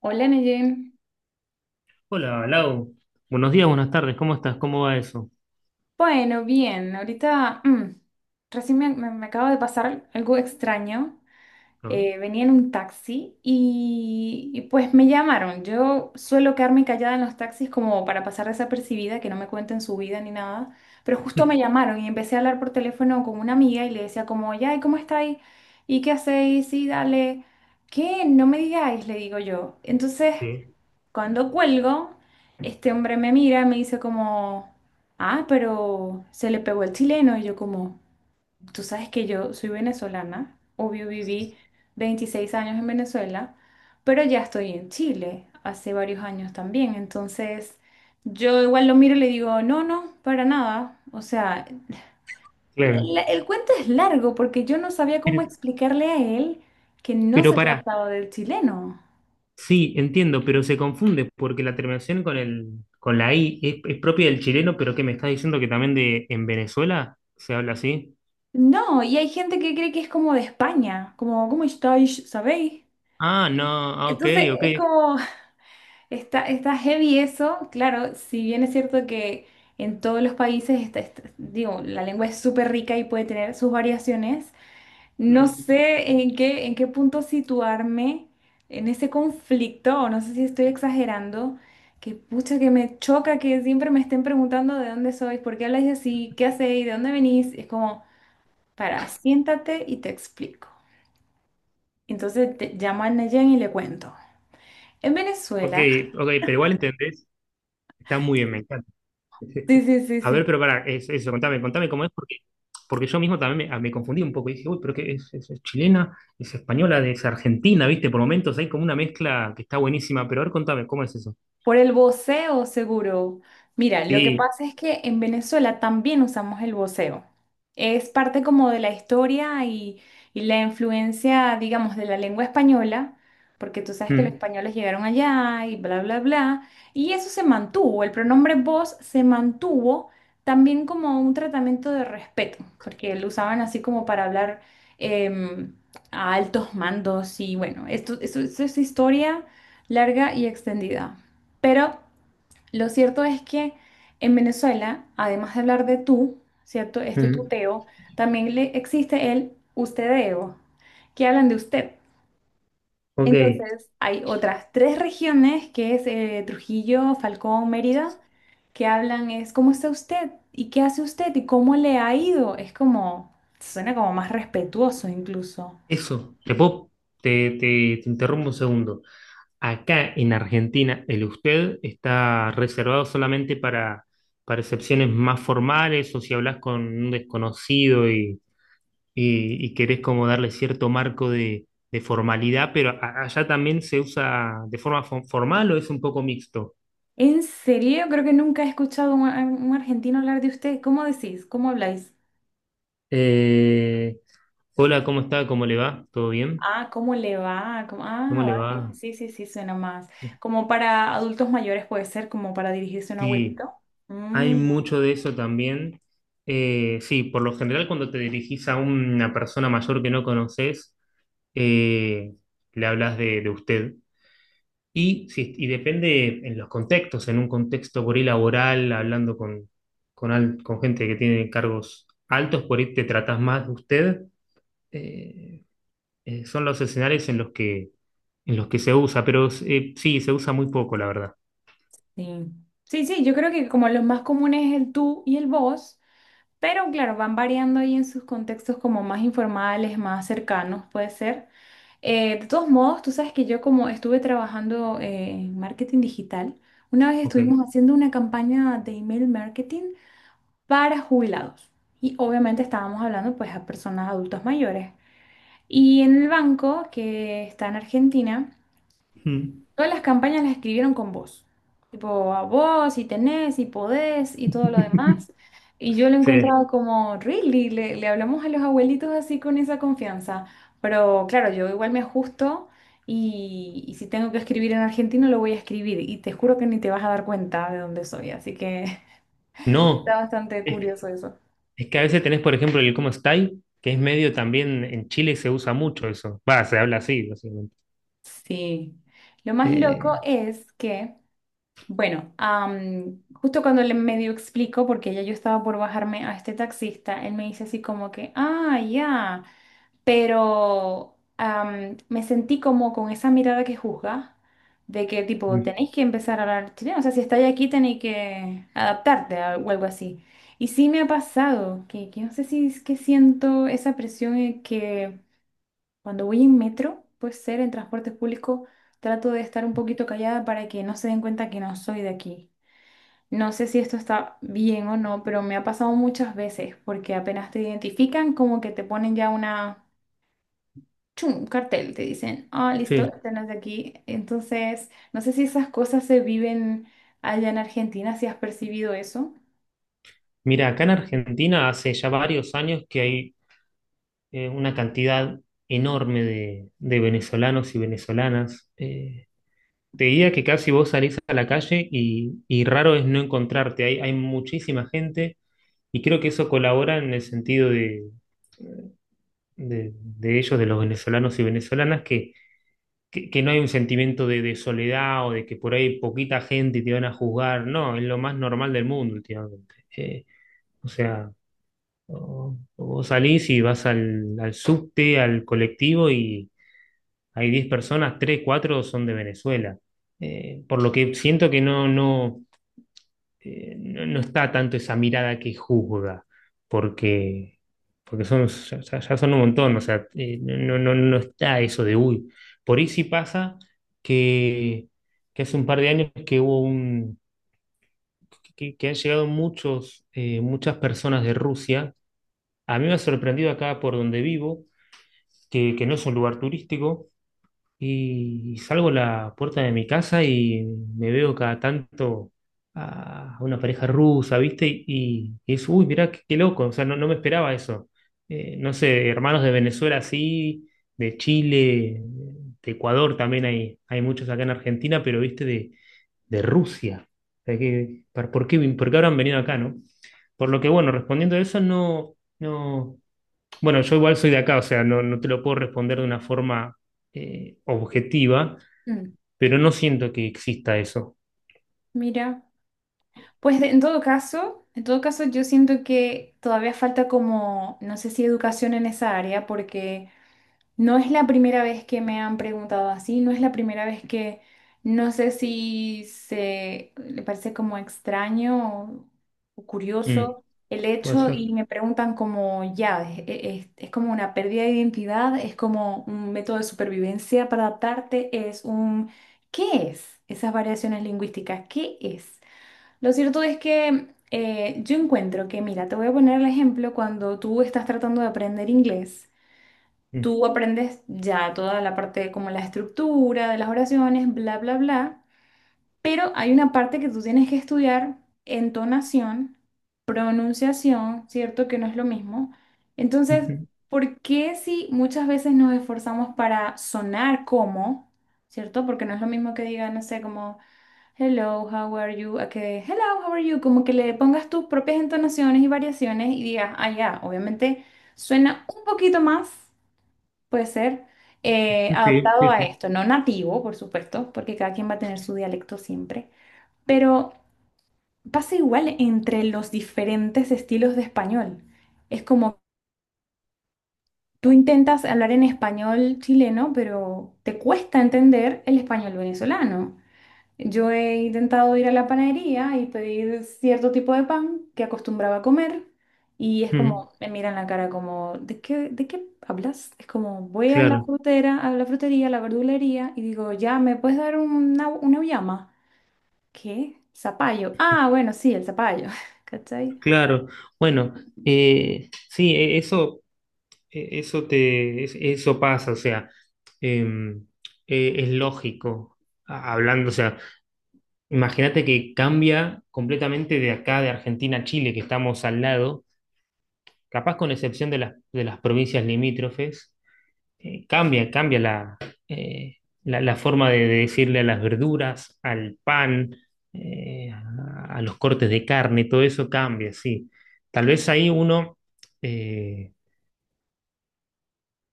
Hola, Neyen. Hola, Lau. Buenos días, buenas tardes. ¿Cómo estás? ¿Cómo va eso? Bueno, bien, ahorita recién me acaba de pasar algo extraño. ¿No? Venía en un taxi pues me llamaron. Yo suelo quedarme callada en los taxis como para pasar desapercibida, que no me cuenten su vida ni nada, pero justo me llamaron y empecé a hablar por teléfono con una amiga y le decía como, ya, ¿y cómo estáis? ¿Y qué hacéis? Sí, dale. ¿Qué? No me digáis, le digo yo. Entonces... Sí, cuando cuelgo, este hombre me mira, me dice como, ah, pero se le pegó el chileno. Y yo como, tú sabes que yo soy venezolana, obvio viví 26 años en Venezuela, pero ya estoy en Chile hace varios años también. Entonces, yo igual lo miro y le digo, no, no, para nada. O sea, claro. el cuento es largo porque yo no sabía cómo Pero, explicarle a él que no pero se pará, trataba del chileno. sí, entiendo, pero se confunde porque la terminación con el, con la I es propia del chileno, pero ¿qué me estás diciendo que también de en Venezuela se habla así? No, y hay gente que cree que es como de España, como, ¿cómo estáis? ¿Sabéis? Ah, no, ah, ok, Entonces ok. es como, está heavy eso, claro, si bien es cierto que en todos los países, digo, la lengua es súper rica y puede tener sus variaciones, no Mm, sé en qué punto situarme en ese conflicto, o no sé si estoy exagerando, que pucha que me choca que siempre me estén preguntando de dónde sois, por qué habláis así, qué hacéis, de dónde venís, es como, para, siéntate y te explico. Llamo a Nayan y le cuento. En ok, Venezuela, ok, pero igual entendés. Está muy bien, me encanta. Sí. sí, sí, sí, A ver, sí. pero para, eso, contame cómo es, porque, porque yo mismo también me confundí un poco y dije, uy, pero es chilena, es española, es argentina, ¿viste? Por momentos hay como una mezcla que está buenísima, pero a ver, contame, ¿cómo es eso? Por el voceo, seguro. Mira, lo que Sí, pasa es que en Venezuela también usamos el voceo. Es parte como de la historia y la influencia, digamos, de la lengua española, porque tú sabes que los mm, españoles llegaron allá y bla, bla, bla. Y eso se mantuvo, el pronombre vos se mantuvo también como un tratamiento de respeto, porque lo usaban así como para hablar em, a altos mandos y bueno, esto esto es historia larga y extendida. Pero lo cierto es que en Venezuela, además de hablar de tú, ¿cierto? Este mm, tuteo, también le existe el ustedeo, que hablan de usted. ok, Entonces, hay otras tres regiones, que es Trujillo, Falcón, Mérida, que hablan es ¿cómo está usted? ¿Y qué hace usted? ¿Y cómo le ha ido? Es como, suena como más respetuoso incluso. eso, te, te interrumpo un segundo. Acá en Argentina, el usted está reservado solamente para excepciones más formales o si hablas con un desconocido y querés como darle cierto marco de formalidad, pero allá también se usa de forma formal o es un poco mixto. En serio, yo creo que nunca he escuchado a a un argentino hablar de usted. ¿Cómo decís? ¿Cómo habláis? Eh, Hola, ¿cómo está? ¿Cómo le va? ¿Todo bien? Ah, ¿cómo le va? ¿Cómo- ¿Cómo ah, le vale. va? Sí, sí, sí, suena más. Como para adultos mayores puede ser, como para dirigirse a un Sí, abuelito. hay Mm, mucho de eso también. Sí, por lo general cuando te dirigís a una persona mayor que no conoces, eh, le hablas de usted. Y, y depende en los contextos, en un contexto por ahí laboral, hablando con, con gente que tiene cargos altos, por ahí te tratás más de usted. eh, Son los escenarios en los que se usa, pero sí, se usa muy poco, la verdad. sí. Sí, sí, yo creo que como los más comunes es el tú y el vos, pero claro, van variando ahí en sus contextos como más informales, más cercanos, puede ser. De todos modos, tú sabes que yo como estuve trabajando en marketing digital, una vez Ok. estuvimos haciendo una campaña de email marketing para jubilados. Y obviamente estábamos hablando pues a personas adultas mayores. Y en el banco que está en Argentina, Mm. todas las campañas las escribieron con vos. Tipo, a vos, si tenés, si podés y todo lo demás. Y yo lo he Sí. encontrado como, really, le hablamos a los abuelitos así con esa confianza. Pero claro, yo igual me ajusto y si tengo que escribir en argentino lo voy a escribir. Y te juro que ni te vas a dar cuenta de dónde soy. Así que No, está bastante es, curioso eso. es que a veces tenés, por ejemplo, el cómo estáis, que es medio también en Chile se usa mucho eso. Va, se habla así, básicamente. Sí, lo más Eh, loco es que, bueno, justo cuando le medio explico, porque ya yo estaba por bajarme a este taxista, él me dice así como que, ah, ya, pero me sentí como con esa mirada que juzga, de que tipo, tenéis que empezar a hablar chileno, o sea, si estáis aquí tenéis que adaptarte a- o algo así. Y sí me ha pasado, que no sé si es que siento esa presión que... cuando voy en metro, puede ser en transporte público, trato de estar un poquito callada para que no se den cuenta que no soy de aquí. No sé si esto está bien o no, pero me ha pasado muchas veces porque apenas te identifican, como que te ponen ya una, chum, un cartel, te dicen, ah, listo, sí. este no es de aquí. Entonces, no sé si esas cosas se viven allá en Argentina, si has percibido eso. Mira, acá en Argentina hace ya varios años que hay una cantidad enorme de venezolanos y venezolanas. Te diría que casi vos salís a la calle y raro es no encontrarte. Hay muchísima gente y creo que eso colabora en el sentido de, de ellos, de los venezolanos y venezolanas, que no hay un sentimiento de soledad o de que por ahí poquita gente y te van a juzgar. No, es lo más normal del mundo últimamente. O sea... O, o vos salís y vas al, al subte, al colectivo y hay 10 personas, 3 4 son de Venezuela. Por lo que siento que no, no, no, no está tanto esa mirada que juzga, porque, porque son, ya, ya son un montón, o sea, no, no, no no está eso de uy. Por ahí sí pasa que, que hace un par de años que que han llegado muchos, muchas personas de Rusia. A mí me ha sorprendido acá por donde vivo que no es un lugar turístico, y salgo a la puerta de mi casa y me veo cada tanto a una pareja rusa, ¿viste? Y es, uy, mirá, qué, qué loco, o sea, no, no me esperaba eso. No sé, hermanos de Venezuela sí, de Chile, de Ecuador también hay muchos acá en Argentina, pero, ¿viste? De Rusia. O sea, que, ¿por qué, por qué habrán venido acá, no? Por lo que, bueno, respondiendo a eso, no, no. Bueno, yo igual soy de acá, o sea, no, no te lo puedo responder de una forma objetiva, Mm. pero no siento que exista eso. Mira. Pues de- en todo caso yo siento que todavía falta como, no sé si educación en esa área, porque no es la primera vez que me han preguntado así, no es la primera vez que, no sé si se le parece como extraño o Mm, curioso el puede hecho ser. y me preguntan como, ya, es, es como una pérdida de identidad, es como un método de supervivencia para adaptarte, es un, ¿qué es? Esas variaciones lingüísticas, ¿qué es? Lo cierto es que yo encuentro que, mira, te voy a poner el ejemplo cuando tú estás tratando de aprender inglés. Mm. Tú aprendes ya toda la parte como la estructura de las oraciones, bla, bla, bla, pero hay una parte que tú tienes que estudiar, entonación, pronunciación, ¿cierto? Que no es lo mismo. Entonces, Ujú. ¿por qué si muchas veces nos esforzamos para sonar como, ¿cierto? Porque no es lo mismo que diga, no sé, como... hello, how are you? A que hello, how are you? Como que le pongas tus propias entonaciones y variaciones y digas, ah, ya, obviamente suena un poquito más, puede ser, Sí, adaptado sí, a sí. esto, no nativo, por supuesto, porque cada quien va a tener su dialecto siempre, pero pasa igual entre los diferentes estilos de español. Es como tú intentas hablar en español chileno, pero te cuesta entender el español venezolano. Yo he intentado ir a la panadería y pedir cierto tipo de pan que acostumbraba a comer y es Mm, como, me miran la cara como, de qué hablas? Es como, voy a la claro, frutera, a la frutería, a la verdulería y digo, ya, ¿me puedes dar una auyama? ¿Qué? Zapallo. Ah, bueno, sí, el zapallo. ¿Cachai? claro. Bueno, sí, eso, eso te, eso pasa, o sea, em, es lógico, hablando, o sea, imagínate que cambia completamente de acá, de Argentina a Chile, que estamos al lado. Capaz con excepción de las provincias limítrofes, cambia, cambia eh, la, la forma de decirle a las verduras, al pan, a los cortes de carne, todo eso cambia, sí. Tal vez ahí uno... eh,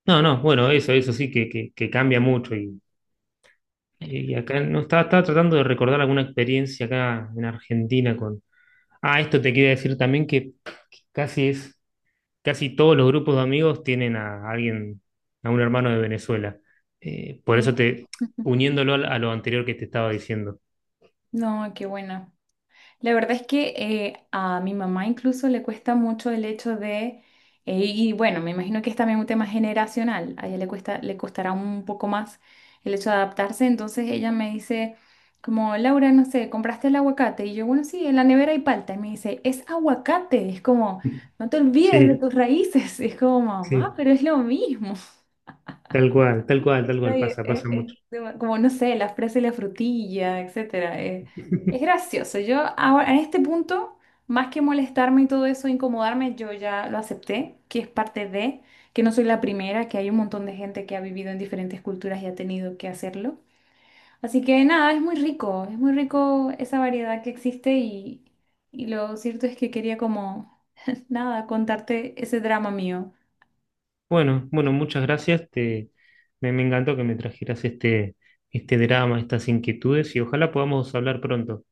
no, no, bueno, eso sí que, que cambia mucho. Y acá no estaba, estaba tratando de recordar alguna experiencia acá en Argentina con. Ah, esto te quería decir también que casi es casi todos los grupos de amigos tienen a alguien, a un hermano de Venezuela. Por Mira. eso te, uniéndolo a lo anterior que te estaba diciendo. No, qué buena. La verdad es que a mi mamá incluso le cuesta mucho el hecho de, y bueno, me imagino que es también un tema generacional, a ella le cuesta, le costará un poco más el hecho de adaptarse, entonces ella me dice como, Laura, no sé, ¿compraste el aguacate? Y yo, bueno, sí, en la nevera hay palta, y me dice, es aguacate, es como, no te olvides de Sí, tus raíces, es como, sí, mamá, pero es lo mismo. tal cual, tal cual, tal cual, Ay, pasa, pasa mucho. como no sé, la fresa y la frutilla, etcétera. Es gracioso. Yo ahora, en este punto, más que molestarme y todo eso, incomodarme, yo ya lo acepté, que es parte de, que no soy la primera, que hay un montón de gente que ha vivido en diferentes culturas y ha tenido que hacerlo. Así que nada, es muy rico esa variedad que existe y lo cierto es que quería como, nada, contarte ese drama mío. Bueno, bueno, muchas gracias. Me encantó que me trajeras este, este drama, estas inquietudes y ojalá podamos hablar pronto,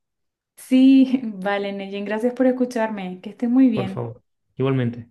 Sí, vale, Neyen, gracias por escucharme, que estés muy por bien. favor. Igualmente.